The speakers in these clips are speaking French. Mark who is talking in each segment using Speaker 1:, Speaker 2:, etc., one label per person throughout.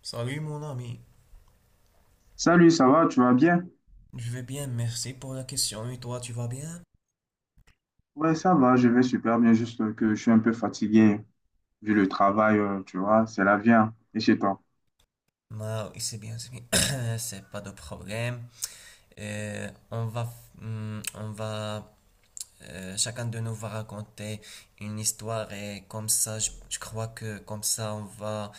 Speaker 1: Salut mon ami,
Speaker 2: Salut, ça va, tu vas bien?
Speaker 1: je vais bien, merci pour la question. Et toi, tu vas bien?
Speaker 2: Ouais, ça va, je vais super bien, juste que je suis un peu fatigué vu le travail, tu vois, c'est la vie, hein, et chez toi.
Speaker 1: Ah oui, c'est bien, c'est bien. C'est pas de problème. Euh, on va, on va, chacun de nous va raconter une histoire et comme ça, je crois que comme ça, on va,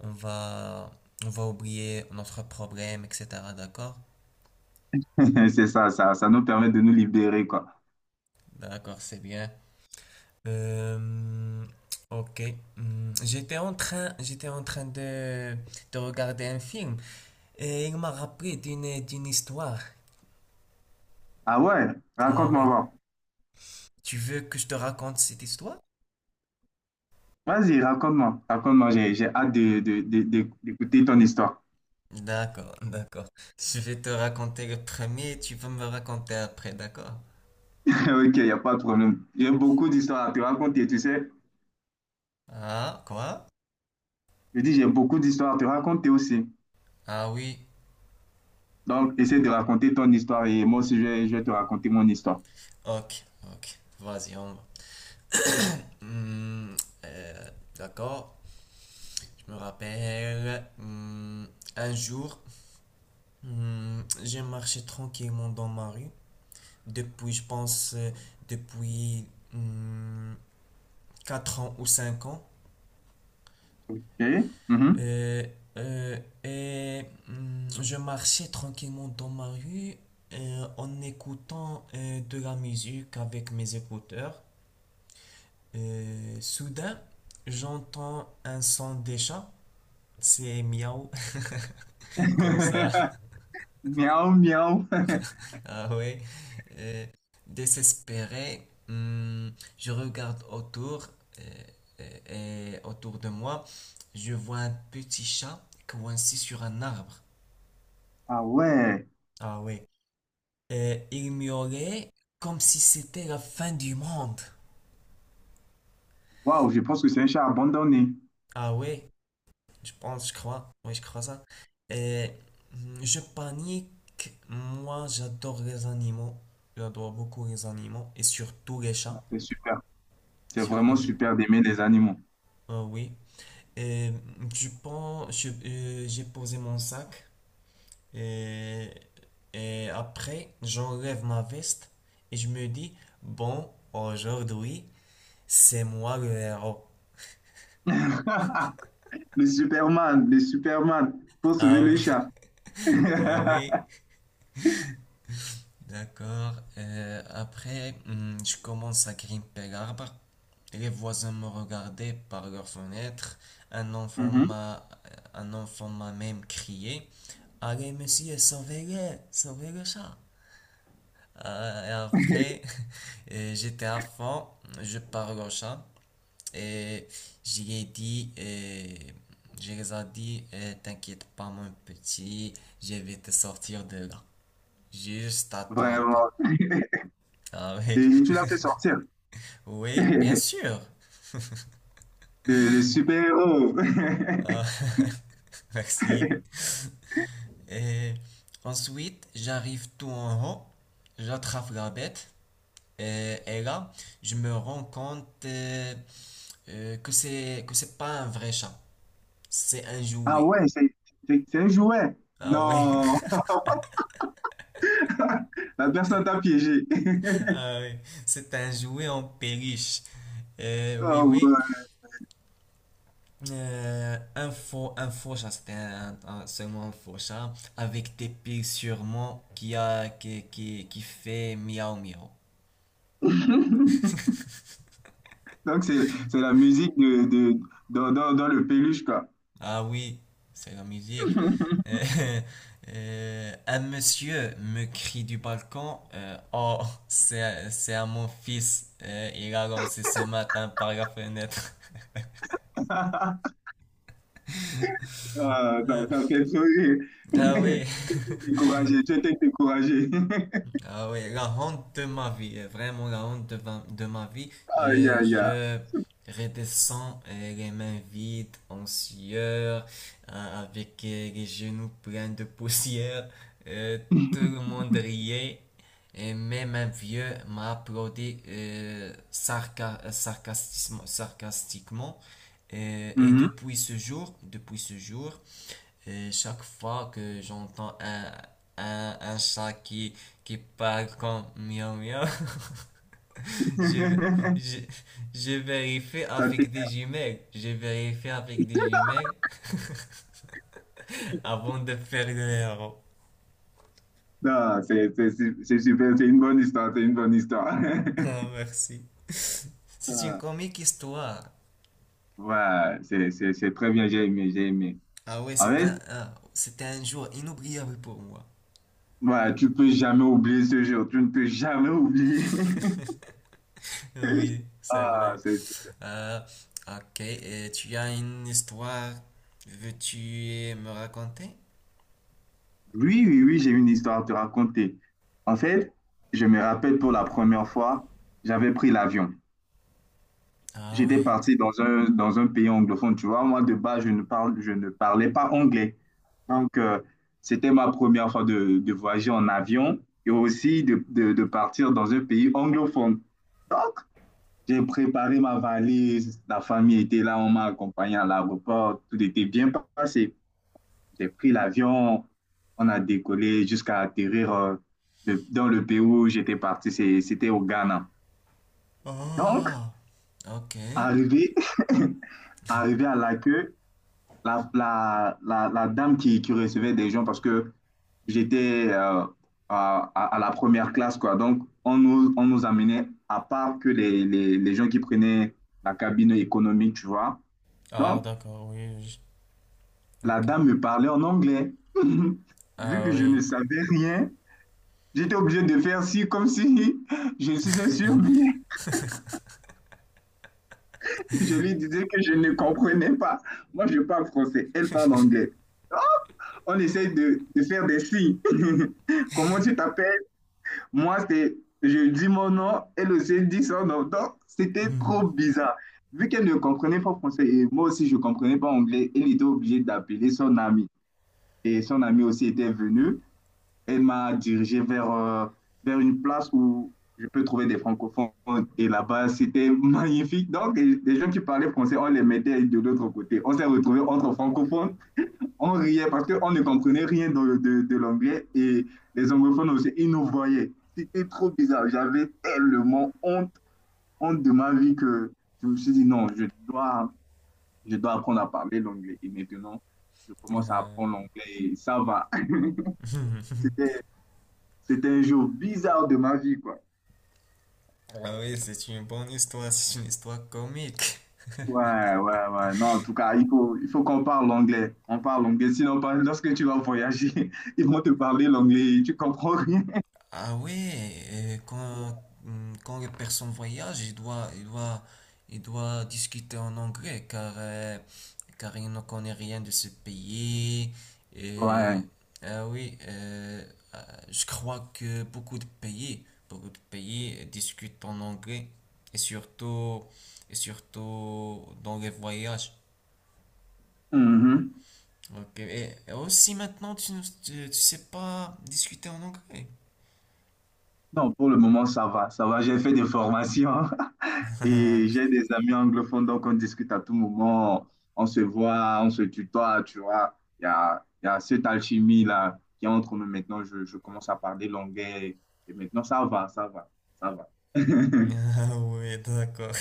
Speaker 1: on va, on va oublier notre problème, etc. D'accord?
Speaker 2: C'est ça, ça nous permet de nous libérer, quoi.
Speaker 1: D'accord, c'est bien. Euh, ok. J'étais en train de regarder un film. Et il m'a rappelé d'une histoire.
Speaker 2: Ah ouais,
Speaker 1: Ah ouais.
Speaker 2: raconte-moi,
Speaker 1: Tu veux que je te raconte cette histoire?
Speaker 2: va. Vas-y, raconte-moi, raconte-moi, j'ai hâte d'écouter ton histoire.
Speaker 1: D'accord, d'accord. Je vais te raconter le premier et tu vas me raconter après, d'accord?
Speaker 2: Ok, il n'y a pas de problème. J'ai beaucoup d'histoires à te raconter, tu sais.
Speaker 1: Ah, quoi?
Speaker 2: Je dis, j'ai beaucoup d'histoires à te raconter aussi.
Speaker 1: Ah oui,
Speaker 2: Donc, essaie de raconter ton histoire et moi aussi, je vais te raconter mon histoire.
Speaker 1: ok, ok. Vas-y, on va. Hmm, euh, d'accord, je me rappelle. Un jour, j'ai marché tranquillement dans ma rue. Depuis, je pense, depuis hmm, 4 ans ou cinq ans.
Speaker 2: Ok? Mhm.
Speaker 1: Euh, et je marchais tranquillement dans ma rue en écoutant de la musique avec mes écouteurs. Soudain, j'entends un son des chats. C'est miaou, comme ça.
Speaker 2: Miaou, miaou.
Speaker 1: Ah ouais. Euh, désespéré, je regarde autour euh, et autour de moi. Je vois un petit chat coincé sur un arbre.
Speaker 2: Ah ouais,
Speaker 1: Ah ouais. Il miaulait comme si c'était la fin du monde.
Speaker 2: waouh, je pense que c'est un chat abandonné.
Speaker 1: Ah ouais, je pense, je crois. Oui, je crois ça. Et je panique. Moi, j'adore les animaux. J'adore beaucoup les animaux. Et surtout les
Speaker 2: Ah,
Speaker 1: chats.
Speaker 2: c'est super.
Speaker 1: Et
Speaker 2: C'est vraiment
Speaker 1: surtout les...
Speaker 2: super d'aimer les animaux.
Speaker 1: Ah oui. Et j'ai posé mon sac. Et, et après, j'enlève ma veste. Et je me dis, bon, aujourd'hui, c'est moi le héros.
Speaker 2: Le Superman, pour sauver
Speaker 1: Ah
Speaker 2: le
Speaker 1: oui.
Speaker 2: chat.
Speaker 1: Ah oui, d'accord. Je commence à grimper l'arbre. Les voisins me regardaient par leur fenêtre. Un enfant
Speaker 2: Mhm,
Speaker 1: m'a, un enfant m'a même crié, allez, monsieur, sauvez-le, sauvez le chat. Et après, j'étais à fond, je parle au chat et j'ai dit, je les ai dit, t'inquiète pas, mon petit, je vais te sortir de là. Juste attends un peu.
Speaker 2: vraiment.
Speaker 1: Ah oui,
Speaker 2: Et tu l'as fait sortir.
Speaker 1: oui, bien sûr.
Speaker 2: Le super-héros.
Speaker 1: Ah, merci. Et ensuite, j'arrive tout en haut, j'attrape la bête, et là, je me rends compte que c'est pas un vrai chat, c'est un
Speaker 2: Ah
Speaker 1: jouet.
Speaker 2: ouais, c'est un jouet.
Speaker 1: Ah oui,
Speaker 2: Non, la personne t'a piégé.
Speaker 1: ah oui, c'est un jouet en peluche. Oui,
Speaker 2: Oh
Speaker 1: oui.
Speaker 2: ouais.
Speaker 1: Un faux chat, seulement un faux chat, avec des pics sûrement qui a, qui, qui fait miaou miaou.
Speaker 2: Donc c'est la musique dans le peluche, quoi.
Speaker 1: Ah oui, c'est la musique. Euh, un monsieur me crie du balcon, oh, c'est à mon fils, il a lancé ce matin par la fenêtre.
Speaker 2: Ah,
Speaker 1: Euh,
Speaker 2: ça fait sourire.
Speaker 1: ah oui,
Speaker 2: Découragé, tu étais découragé.
Speaker 1: Ah oui, la honte de ma vie, vraiment la honte de ma vie.
Speaker 2: Aïe, aïe, aïe.
Speaker 1: Je redescends les mains vides, en sueur, avec les genoux pleins de poussière. Euh, tout le monde riait. Et même un vieux m'a applaudi sarcastiquement. Euh, Et,
Speaker 2: Mhm.
Speaker 1: depuis ce jour, depuis ce jour, chaque fois que j'entends un chat qui parle comme miaou miaou, je, je, je vérifie
Speaker 2: Ça
Speaker 1: avec des
Speaker 2: t'énerve.
Speaker 1: jumelles. Je vérifie avec des jumelles avant de faire le héros.
Speaker 2: Non, c'est super, c'est une bonne histoire, c'est une bonne histoire.
Speaker 1: Ah, merci. C'est une
Speaker 2: Ah,
Speaker 1: comique histoire.
Speaker 2: ouais, c'est très bien, j'ai aimé, j'ai aimé.
Speaker 1: Ah ouais,
Speaker 2: En fait,
Speaker 1: c'était un jour inoubliable pour moi.
Speaker 2: ouais, tu peux jamais oublier ce jour, tu ne peux jamais oublier.
Speaker 1: Oui, c'est
Speaker 2: Ah,
Speaker 1: vrai.
Speaker 2: c'est...
Speaker 1: Euh, ok, et tu as une histoire, veux-tu me raconter?
Speaker 2: Oui, oui, oui, j'ai une histoire à te raconter. En fait, je me rappelle pour la première fois, j'avais pris l'avion.
Speaker 1: Ah
Speaker 2: J'étais
Speaker 1: oui.
Speaker 2: parti dans un pays anglophone, tu vois. Moi, de base, je ne parlais pas anglais. Donc, c'était ma première fois de voyager en avion et aussi de partir dans un pays anglophone. Donc, j'ai préparé ma valise, la famille était là, on m'a accompagné à l'aéroport, tout était bien passé. J'ai pris l'avion, on a décollé jusqu'à atterrir dans le pays où j'étais parti, c'était au Ghana. Donc,
Speaker 1: Ah, ok,
Speaker 2: arrivé, arrivé à l'accueil, la dame qui recevait des gens parce que j'étais à la première classe, quoi. Donc, on nous amenait, à part que les gens qui prenaient la cabine économique, tu vois.
Speaker 1: Ah,
Speaker 2: Donc,
Speaker 1: d'accord, oui. je-
Speaker 2: la
Speaker 1: ok.
Speaker 2: dame me parlait en anglais. Vu
Speaker 1: Ah,
Speaker 2: que je
Speaker 1: oui.
Speaker 2: ne savais rien, j'étais obligé de faire si, comme si je suis un surmis. Je lui disais que je ne comprenais pas. Moi, je parle français, elle parle anglais. On essaye de faire des signes. Comment tu t'appelles? Moi, c'est, je dis mon nom, elle aussi dit son nom. Donc, c'était
Speaker 1: Hmm.
Speaker 2: trop bizarre. Vu qu'elle ne comprenait pas français et moi aussi, je ne comprenais pas anglais, elle était obligée d'appeler son ami. Et son ami aussi était venu. Elle m'a dirigé vers une place où je peux trouver des francophones. Et là-bas, c'était magnifique. Donc, les gens qui parlaient français, on les mettait de l'autre côté. On s'est retrouvés entre francophones, on riait parce qu'on ne comprenait rien de l'anglais et les anglophones aussi, ils nous voyaient. C'était trop bizarre. J'avais tellement honte, honte de ma vie que je me suis dit non, je dois apprendre à parler l'anglais. Et maintenant, je commence à
Speaker 1: Euh,
Speaker 2: apprendre l'anglais et ça va. C'était, C'était un jour bizarre de ma vie, quoi.
Speaker 1: Ah oui, c'est une bonne histoire, c'est une histoire comique.
Speaker 2: Ouais, ouais, ouais. Non, en tout cas, il faut qu'on parle l'anglais. On parle l'anglais. Sinon, lorsque tu vas voyager, ils vont te parler l'anglais et tu comprends rien.
Speaker 1: Ah ouais, et quand, quand les personnes voyagent, ils doivent discuter en anglais car, car ils ne connaissent rien de ce pays. Et,
Speaker 2: Ouais.
Speaker 1: ah oui, euh, euh, je crois que beaucoup de pays discutent en anglais et surtout, et surtout dans les voyages.
Speaker 2: Mhm.
Speaker 1: Ok, et aussi maintenant, tu ne tu- tu sais pas discuter en anglais.
Speaker 2: Non, pour le moment, ça va, ça va. J'ai fait des formations et j'ai des amis anglophones, donc on discute à tout moment, on se voit, on se tutoie, tu vois. Il y a cette alchimie-là qui est entre nous maintenant. Je commence à parler l'anglais et maintenant, ça va, ça va, ça va.
Speaker 1: Ah ouais, d'accord.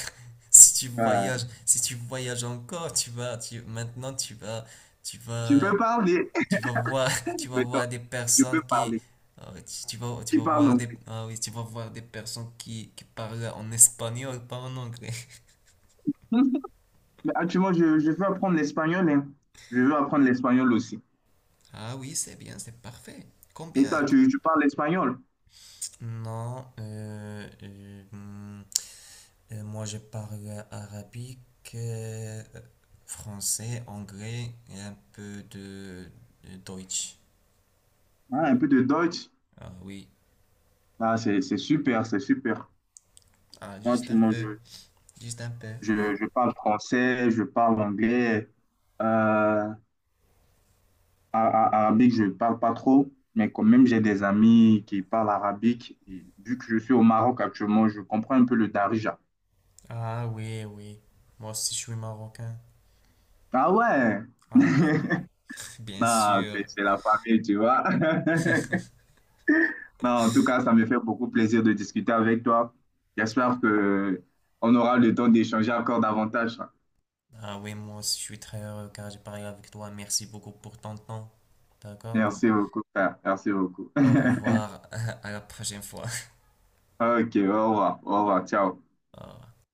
Speaker 1: Si tu voyages,
Speaker 2: Ouais.
Speaker 1: si tu voyages encore, maintenant tu vas, tu
Speaker 2: Tu
Speaker 1: vas,
Speaker 2: peux parler
Speaker 1: tu vas voir, tu vas
Speaker 2: maintenant,
Speaker 1: voir des
Speaker 2: tu peux
Speaker 1: personnes qui,
Speaker 2: parler.
Speaker 1: ah ouais, tu
Speaker 2: Tu
Speaker 1: vas
Speaker 2: parles
Speaker 1: voir des,
Speaker 2: anglais.
Speaker 1: ah oui, tu vas voir des personnes qui parlent en espagnol, pas en anglais.
Speaker 2: Mais actuellement, je veux apprendre l'espagnol, hein. Je veux apprendre l'espagnol aussi.
Speaker 1: Ah oui, c'est bien, c'est parfait.
Speaker 2: Et
Speaker 1: Combien?
Speaker 2: toi, tu parles l'espagnol,
Speaker 1: Non, moi, je parle arabique, français, anglais et un peu de Deutsch.
Speaker 2: hein, un peu de Deutsch.
Speaker 1: Ah oui,
Speaker 2: Ah, c'est super, c'est super.
Speaker 1: ah,
Speaker 2: Moi,
Speaker 1: juste
Speaker 2: tu,
Speaker 1: un
Speaker 2: moi,
Speaker 1: peu,
Speaker 2: je,
Speaker 1: juste un peu.
Speaker 2: je, je parle français, je parle anglais. Euh, a- Arabique, je parle pas trop, mais quand même, j'ai des amis qui parlent arabique. Et vu que je suis au Maroc actuellement, je comprends un peu le darija.
Speaker 1: Ah oui, oui. Moi aussi, je suis marocain.
Speaker 2: Ah ouais!
Speaker 1: Ah oui? Bien
Speaker 2: Non,
Speaker 1: sûr.
Speaker 2: c'est la famille, tu vois. Non, en tout cas, ça me fait beaucoup plaisir de discuter avec toi. J'espère que on aura le temps d'échanger encore davantage.
Speaker 1: Ah oui, moi aussi, je suis très heureux car j'ai parlé avec toi. Merci beaucoup pour ton temps. D'accord?
Speaker 2: Merci beaucoup, frère. Merci beaucoup.
Speaker 1: Au revoir, à la prochaine fois.
Speaker 2: Ok, au revoir, ciao.
Speaker 1: Ah,